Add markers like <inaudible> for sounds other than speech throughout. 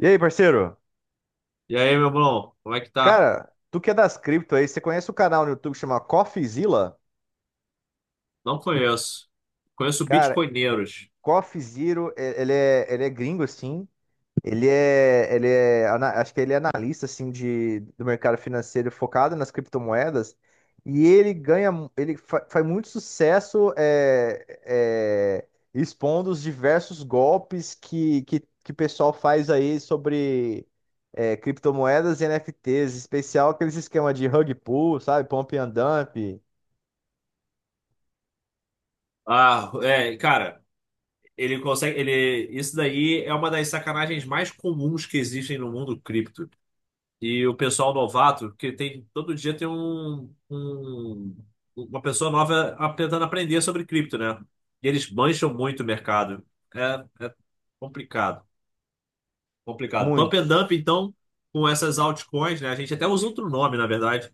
E aí, parceiro? E aí, meu irmão, como é que tá? Cara, tu que é das cripto aí, você conhece o canal no YouTube que chama CoffeeZilla? Não conheço. Conheço Cara, bitcoineiros. CoffeeZero, ele é gringo, assim. Acho que ele é analista assim do mercado financeiro focado nas criptomoedas, e ele ganha, ele faz muito sucesso expondo os diversos golpes que o pessoal faz aí sobre criptomoedas e NFTs, em especial aqueles esquemas de rug pull, sabe, pump and dump, Ah, é, cara, ele consegue, ele, isso daí é uma das sacanagens mais comuns que existem no mundo cripto. E o pessoal novato, que tem, todo dia tem uma pessoa nova tentando aprender sobre cripto, né? E eles mancham muito o mercado. É, é complicado, complicado. Pump and muitos. dump, então, com essas altcoins, né? A gente até usa outro nome, na verdade,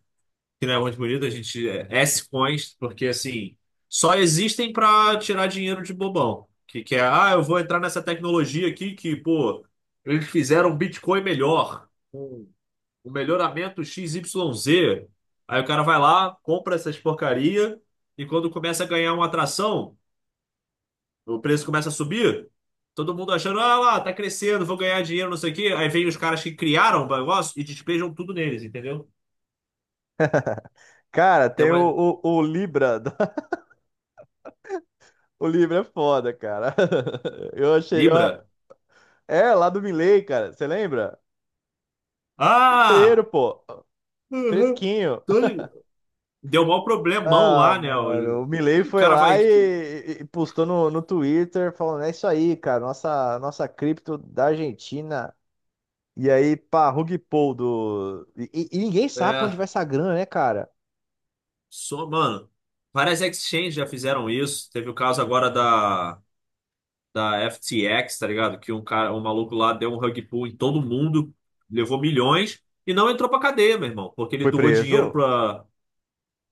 que não é muito bonito. A gente é S-Coins, porque assim, só existem para tirar dinheiro de bobão. Que é, ah, eu vou entrar nessa tecnologia aqui que, pô, eles fizeram um Bitcoin melhor, um, um melhoramento x y z. Aí o cara vai lá, compra essas porcaria, e quando começa a ganhar uma atração, o preço começa a subir. Todo mundo achando, ah lá, tá crescendo, vou ganhar dinheiro, não sei o quê. Aí vem os caras que criaram o negócio e despejam tudo neles, entendeu? Cara, tem Então é o Libra, <laughs> o Libra é foda, cara. <laughs> Eu achei, eu, Libra. É, lá do Milley, cara. Você lembra? Fevereiro, Ah! pô. Uhum. Fresquinho. Tô ligado. Deu maior problemão Ah, lá, né? O mano. O Milley que o foi cara lá vai. e, Que- e- e postou no, no Twitter falando: é isso aí, cara. Nossa, nossa cripto da Argentina. E aí, pá, rug pull do. E ninguém sabe pra onde É, vai essa grana, né, cara? só, mano. Várias exchanges já fizeram isso. Teve o caso agora da FTX, tá ligado? Que um cara, um maluco lá deu um rug pull em todo mundo, levou milhões e não entrou pra cadeia, meu irmão. Porque ele Foi doou preso dinheiro pra.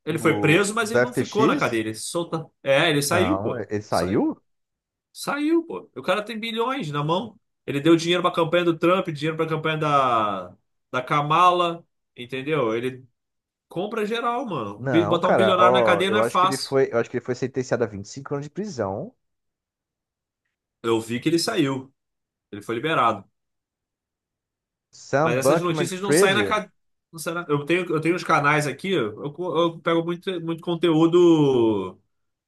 Ele foi do, preso, mas do ele não ficou na cadeia. FTX? É, ele saiu, Não, pô. ele saiu? Saiu, pô. O cara tem bilhões na mão. Ele deu dinheiro pra campanha do Trump, dinheiro pra campanha da, da Kamala, entendeu? Ele compra geral, mano. Não, Botar um cara, bilionário na ó, cadeia não é fácil. Eu acho que ele foi sentenciado a 25 anos de prisão. Eu vi que ele saiu. Ele foi liberado. Mas Sam essas notícias não saem na Bankman-Fried. cadeia. Eu tenho uns canais aqui, eu pego muito, muito conteúdo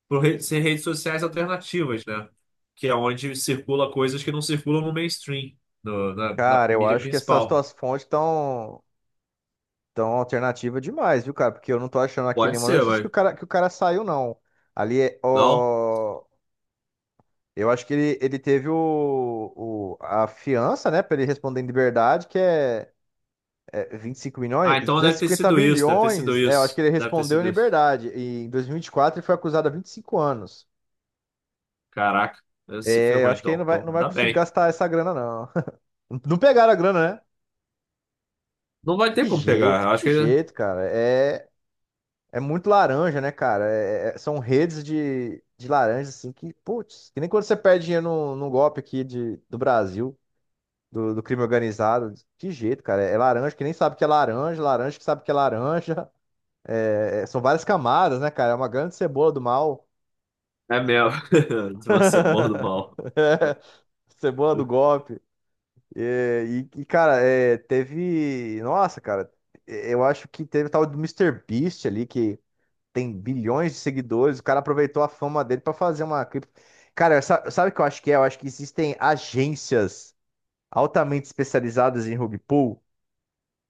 por ser redes sociais alternativas, né? Que é onde circula coisas que não circulam no mainstream, na Cara, eu mídia acho que essas principal. tuas fontes estão tão tão alternativa demais, viu, cara? Porque eu não tô achando aqui Pode nenhuma ser, notícia mas. Que o cara saiu, não. Ali é. Não? Ó, eu acho que ele teve a fiança, né, pra ele responder em liberdade, que é, é 25 milhões, Ah, então duzentos e deve ter cinquenta sido isso, deve ter sido milhões. É, eu acho que isso, ele deve ter respondeu em sido isso. liberdade. E em 2024 ele foi acusado há 25 anos. Caraca, ele se É, eu ferrou acho que ele então. não vai, Então, não vai ainda conseguir bem. gastar essa grana, não. <laughs> Não pegaram a grana, né? Não vai ter como pegar, eu acho Que que ele jeito, cara. É. É muito laranja, né, cara? São redes de laranja, assim, que, putz, que nem quando você perde dinheiro num golpe aqui do Brasil, do crime organizado. Que jeito, cara. É laranja que nem sabe que é laranja, laranja que sabe que é laranja. <laughs> São várias camadas, né, cara? É uma grande cebola do mal. é mesmo. <laughs> <laughs> De uma cebola do mal. É, cebola do golpe. É, E, e, cara, é, teve. Nossa, cara, eu acho que teve o tal do Mister Beast ali que tem bilhões de seguidores, o cara aproveitou a fama dele para fazer uma cripto. Cara, sabe o que eu acho que é? Eu acho que existem agências altamente especializadas em rug pull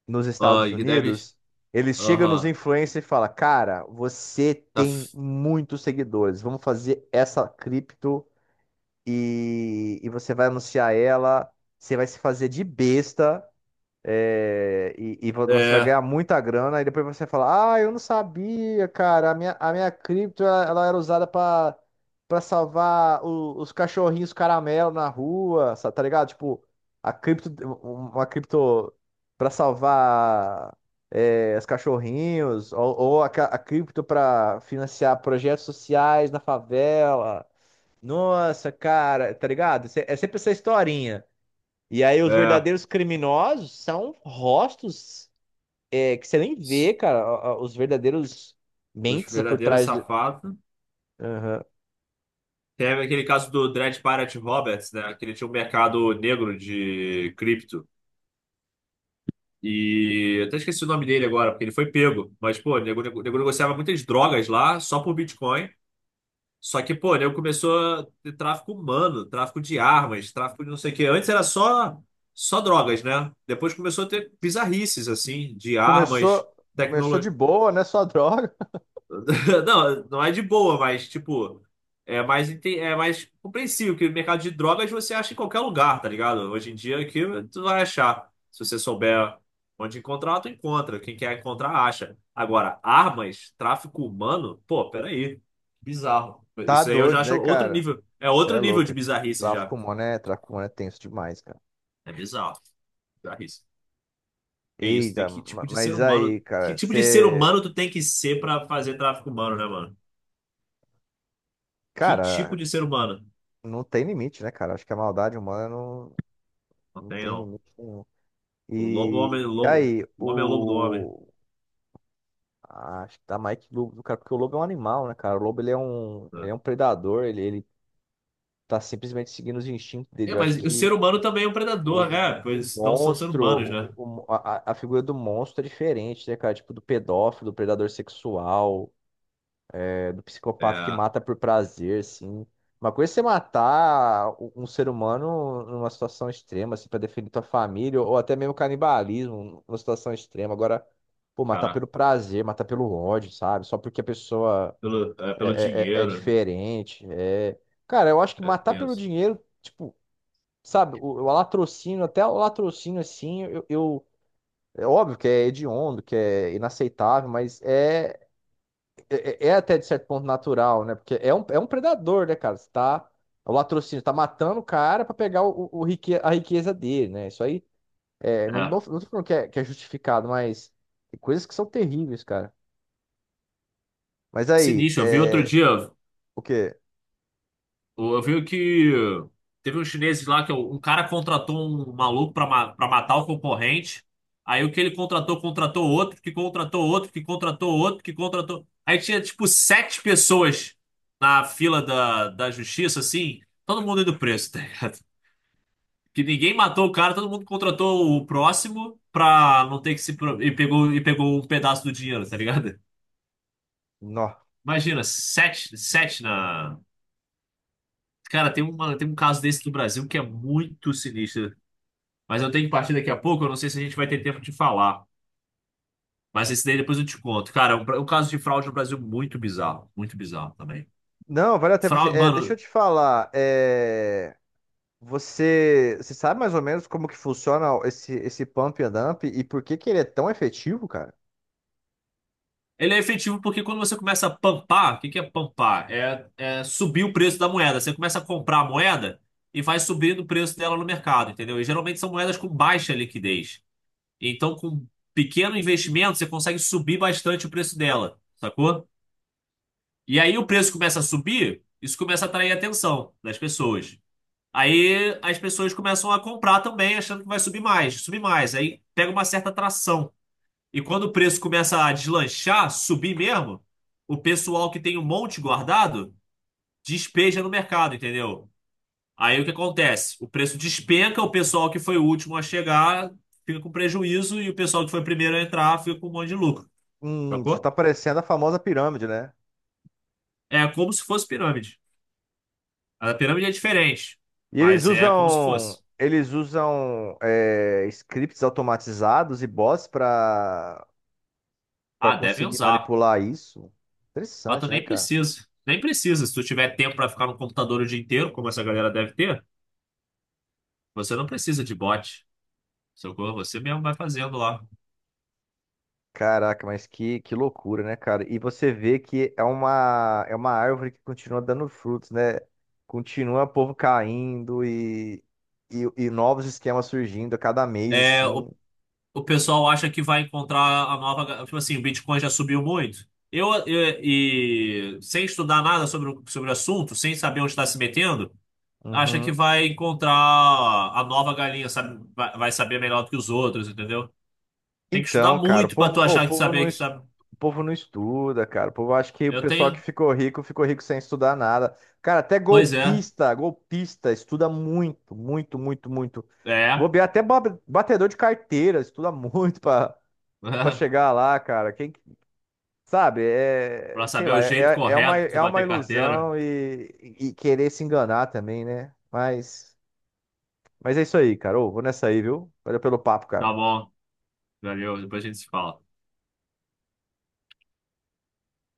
nos Ah, Estados e deve. Unidos. Eles chegam nos Aham. influencers e falam: cara, você Tá... tem f- muitos seguidores, vamos fazer essa cripto e você vai anunciar ela. Você vai se fazer de besta e você vai É, ganhar muita grana, e depois você fala: ah, eu não sabia, cara, a minha cripto, ela era usada para para salvar os cachorrinhos caramelo na rua, tá ligado? Tipo, a cripto, uma cripto para salvar os cachorrinhos, ou a cripto para financiar projetos sociais na favela. Nossa, cara, tá ligado? É sempre essa historinha. E aí os é. verdadeiros criminosos são rostos que você nem vê, cara. Os verdadeiros Os mentes por verdadeiros trás do... safados. Aham. Teve aquele caso do Dread Pirate Roberts, né? Que ele tinha um mercado negro de cripto. E eu até esqueci o nome dele agora, porque ele foi pego. Mas, pô, o nego negociava muitas drogas lá, só por Bitcoin. Só que, pô, nego começou a ter tráfico humano, tráfico de armas, tráfico de não sei o quê. Antes era só drogas, né? Depois começou a ter bizarrices, assim, de Começou, armas. começou de boa, né? Só droga. <laughs> <laughs> Não, não é de boa, mas, tipo, é mais, é mais compreensível que o mercado de drogas você acha em qualquer lugar, tá ligado? Hoje em dia aqui tu vai achar. Se você souber onde encontrar, tu encontra. Quem quer encontrar, acha. Agora, armas, tráfico humano, pô, peraí. Bizarro. Tá Isso aí eu já doido, né, acho outro cara? nível. É Você outro é nível de louco. bizarrice já. Tráfico humano é tenso demais, cara. É bizarro. Bizarrice. Que isso, tem Eita, que tipo de ser mas humano. aí, Que cara, tipo de ser você. humano tu tem que ser pra fazer tráfico humano, né, mano? Que tipo Cara, de ser humano? não tem limite, né, cara? Acho que a maldade humana não, Não não tem, tem não. limite nenhum. O lobo, homem, E lobo, aí, o homem é o lobo do homem, o. Acho que tá Mike Lobo, do cara, porque o lobo é um animal, né, cara? O lobo ele né? é um predador, ele tá simplesmente seguindo os instintos dele. É, Eu acho mas o ser que humano também é um predador, né? O Pois não são seres monstro, humanos, né? o- a figura do monstro é diferente, né, cara? Tipo do pedófilo, do predador sexual, do psicopata que É, mata por prazer, assim. Uma coisa é você matar um ser humano numa situação extrema, assim, pra defender tua família, ou até mesmo canibalismo numa situação extrema. Agora, pô, matar caraca, pelo prazer, matar pelo ódio, sabe? Só porque a pessoa. pelo, é, pelo É dinheiro, né? diferente. É... Cara, eu acho que É matar pelo tenso. dinheiro, tipo, sabe, o latrocínio, até o latrocínio assim, é óbvio que é hediondo, que é inaceitável, mas é até de certo ponto natural, né? Porque é um predador, né, cara? Você tá, o latrocínio tá matando o cara pra pegar a riqueza dele, né? Isso aí, É, não tô falando que é justificado, mas tem coisas que são terríveis, cara. Mas aí, sinistro. Eu vi outro é, dia, eu o quê? eu vi que teve uns chineses lá que é um cara, contratou um maluco pra matar o concorrente. Aí o que ele contratou, contratou outro, que contratou outro, que contratou outro, que contratou. Aí tinha tipo sete pessoas na fila da justiça, assim, todo mundo indo preso, tá ligado? Que ninguém matou o cara, todo mundo contratou o próximo pra não ter que se. E pegou um pedaço do dinheiro, tá ligado? Nó. <laughs> Imagina, sete, sete na. Cara, tem, uma, tem um caso desse do Brasil que é muito sinistro. Mas eu tenho que partir daqui a pouco, eu não sei se a gente vai ter tempo de falar. Mas esse daí depois eu te conto. Cara, é um caso de fraude no Brasil muito bizarro. Muito bizarro também. Não, valeu até Fraude, É, deixa eu mano, te falar. Você sabe mais ou menos como que funciona esse pump and dump e por que que ele é tão efetivo, cara? ele é efetivo porque quando você começa a pampar, o que que é pampar? É, é subir o preço da moeda. Você começa a comprar a moeda e vai subindo o preço dela no mercado, entendeu? E geralmente são moedas com baixa liquidez. Então, com pequeno investimento, você consegue subir bastante o preço dela, sacou? E aí o preço começa a subir, isso começa a atrair a atenção das pessoas. Aí as pessoas começam a comprar também, achando que vai subir mais, subir mais. Aí pega uma certa atração. E quando o preço começa a deslanchar, subir mesmo, o pessoal que tem um monte guardado despeja no mercado, entendeu? Aí o que acontece? O preço despenca, o pessoal que foi o último a chegar fica com prejuízo e o pessoal que foi o primeiro a entrar fica com um monte de lucro, Isso tá sacou? parecendo a famosa pirâmide, né? É como se fosse pirâmide. A pirâmide é diferente, E eles mas é como se usam, fosse. Scripts automatizados e bots para para Ah, devem conseguir usar, manipular isso. mas tu Interessante, né, nem cara? precisa. Nem precisa. Se tu tiver tempo pra ficar no computador o dia inteiro, como essa galera deve ter, você não precisa de bot. Socorro, você mesmo vai fazendo lá. Caraca, mas que loucura, né, cara? E você vê que é é uma árvore que continua dando frutos, né? Continua o povo caindo e novos esquemas surgindo a cada mês, É, assim. O pessoal acha que vai encontrar Tipo assim, o Bitcoin já subiu muito. E sem estudar nada sobre, sobre o assunto, sem saber onde está se metendo, acha que Uhum. vai encontrar a nova galinha, sabe? Vai, vai saber melhor do que os outros, entendeu? Tem que estudar Então, cara, muito para tu achar que saber que sabe. o povo não estuda, cara. O povo acha que o Eu pessoal que tenho. Ficou rico sem estudar nada. Cara, até Pois é. golpista, golpista, estuda muito, muito, muito, muito. Vou É. ver até ba- batedor de carteira, estuda <laughs> muito. Pra chegar <laughs> lá, cara, sabe, Para é, sei saber lá, o jeito correto de é uma bater carteira. ilusão e querer se enganar também, né? Mas é isso aí, cara. Ô, vou nessa aí, viu? Valeu pelo papo, Tá cara. bom. Valeu. Depois a gente se fala.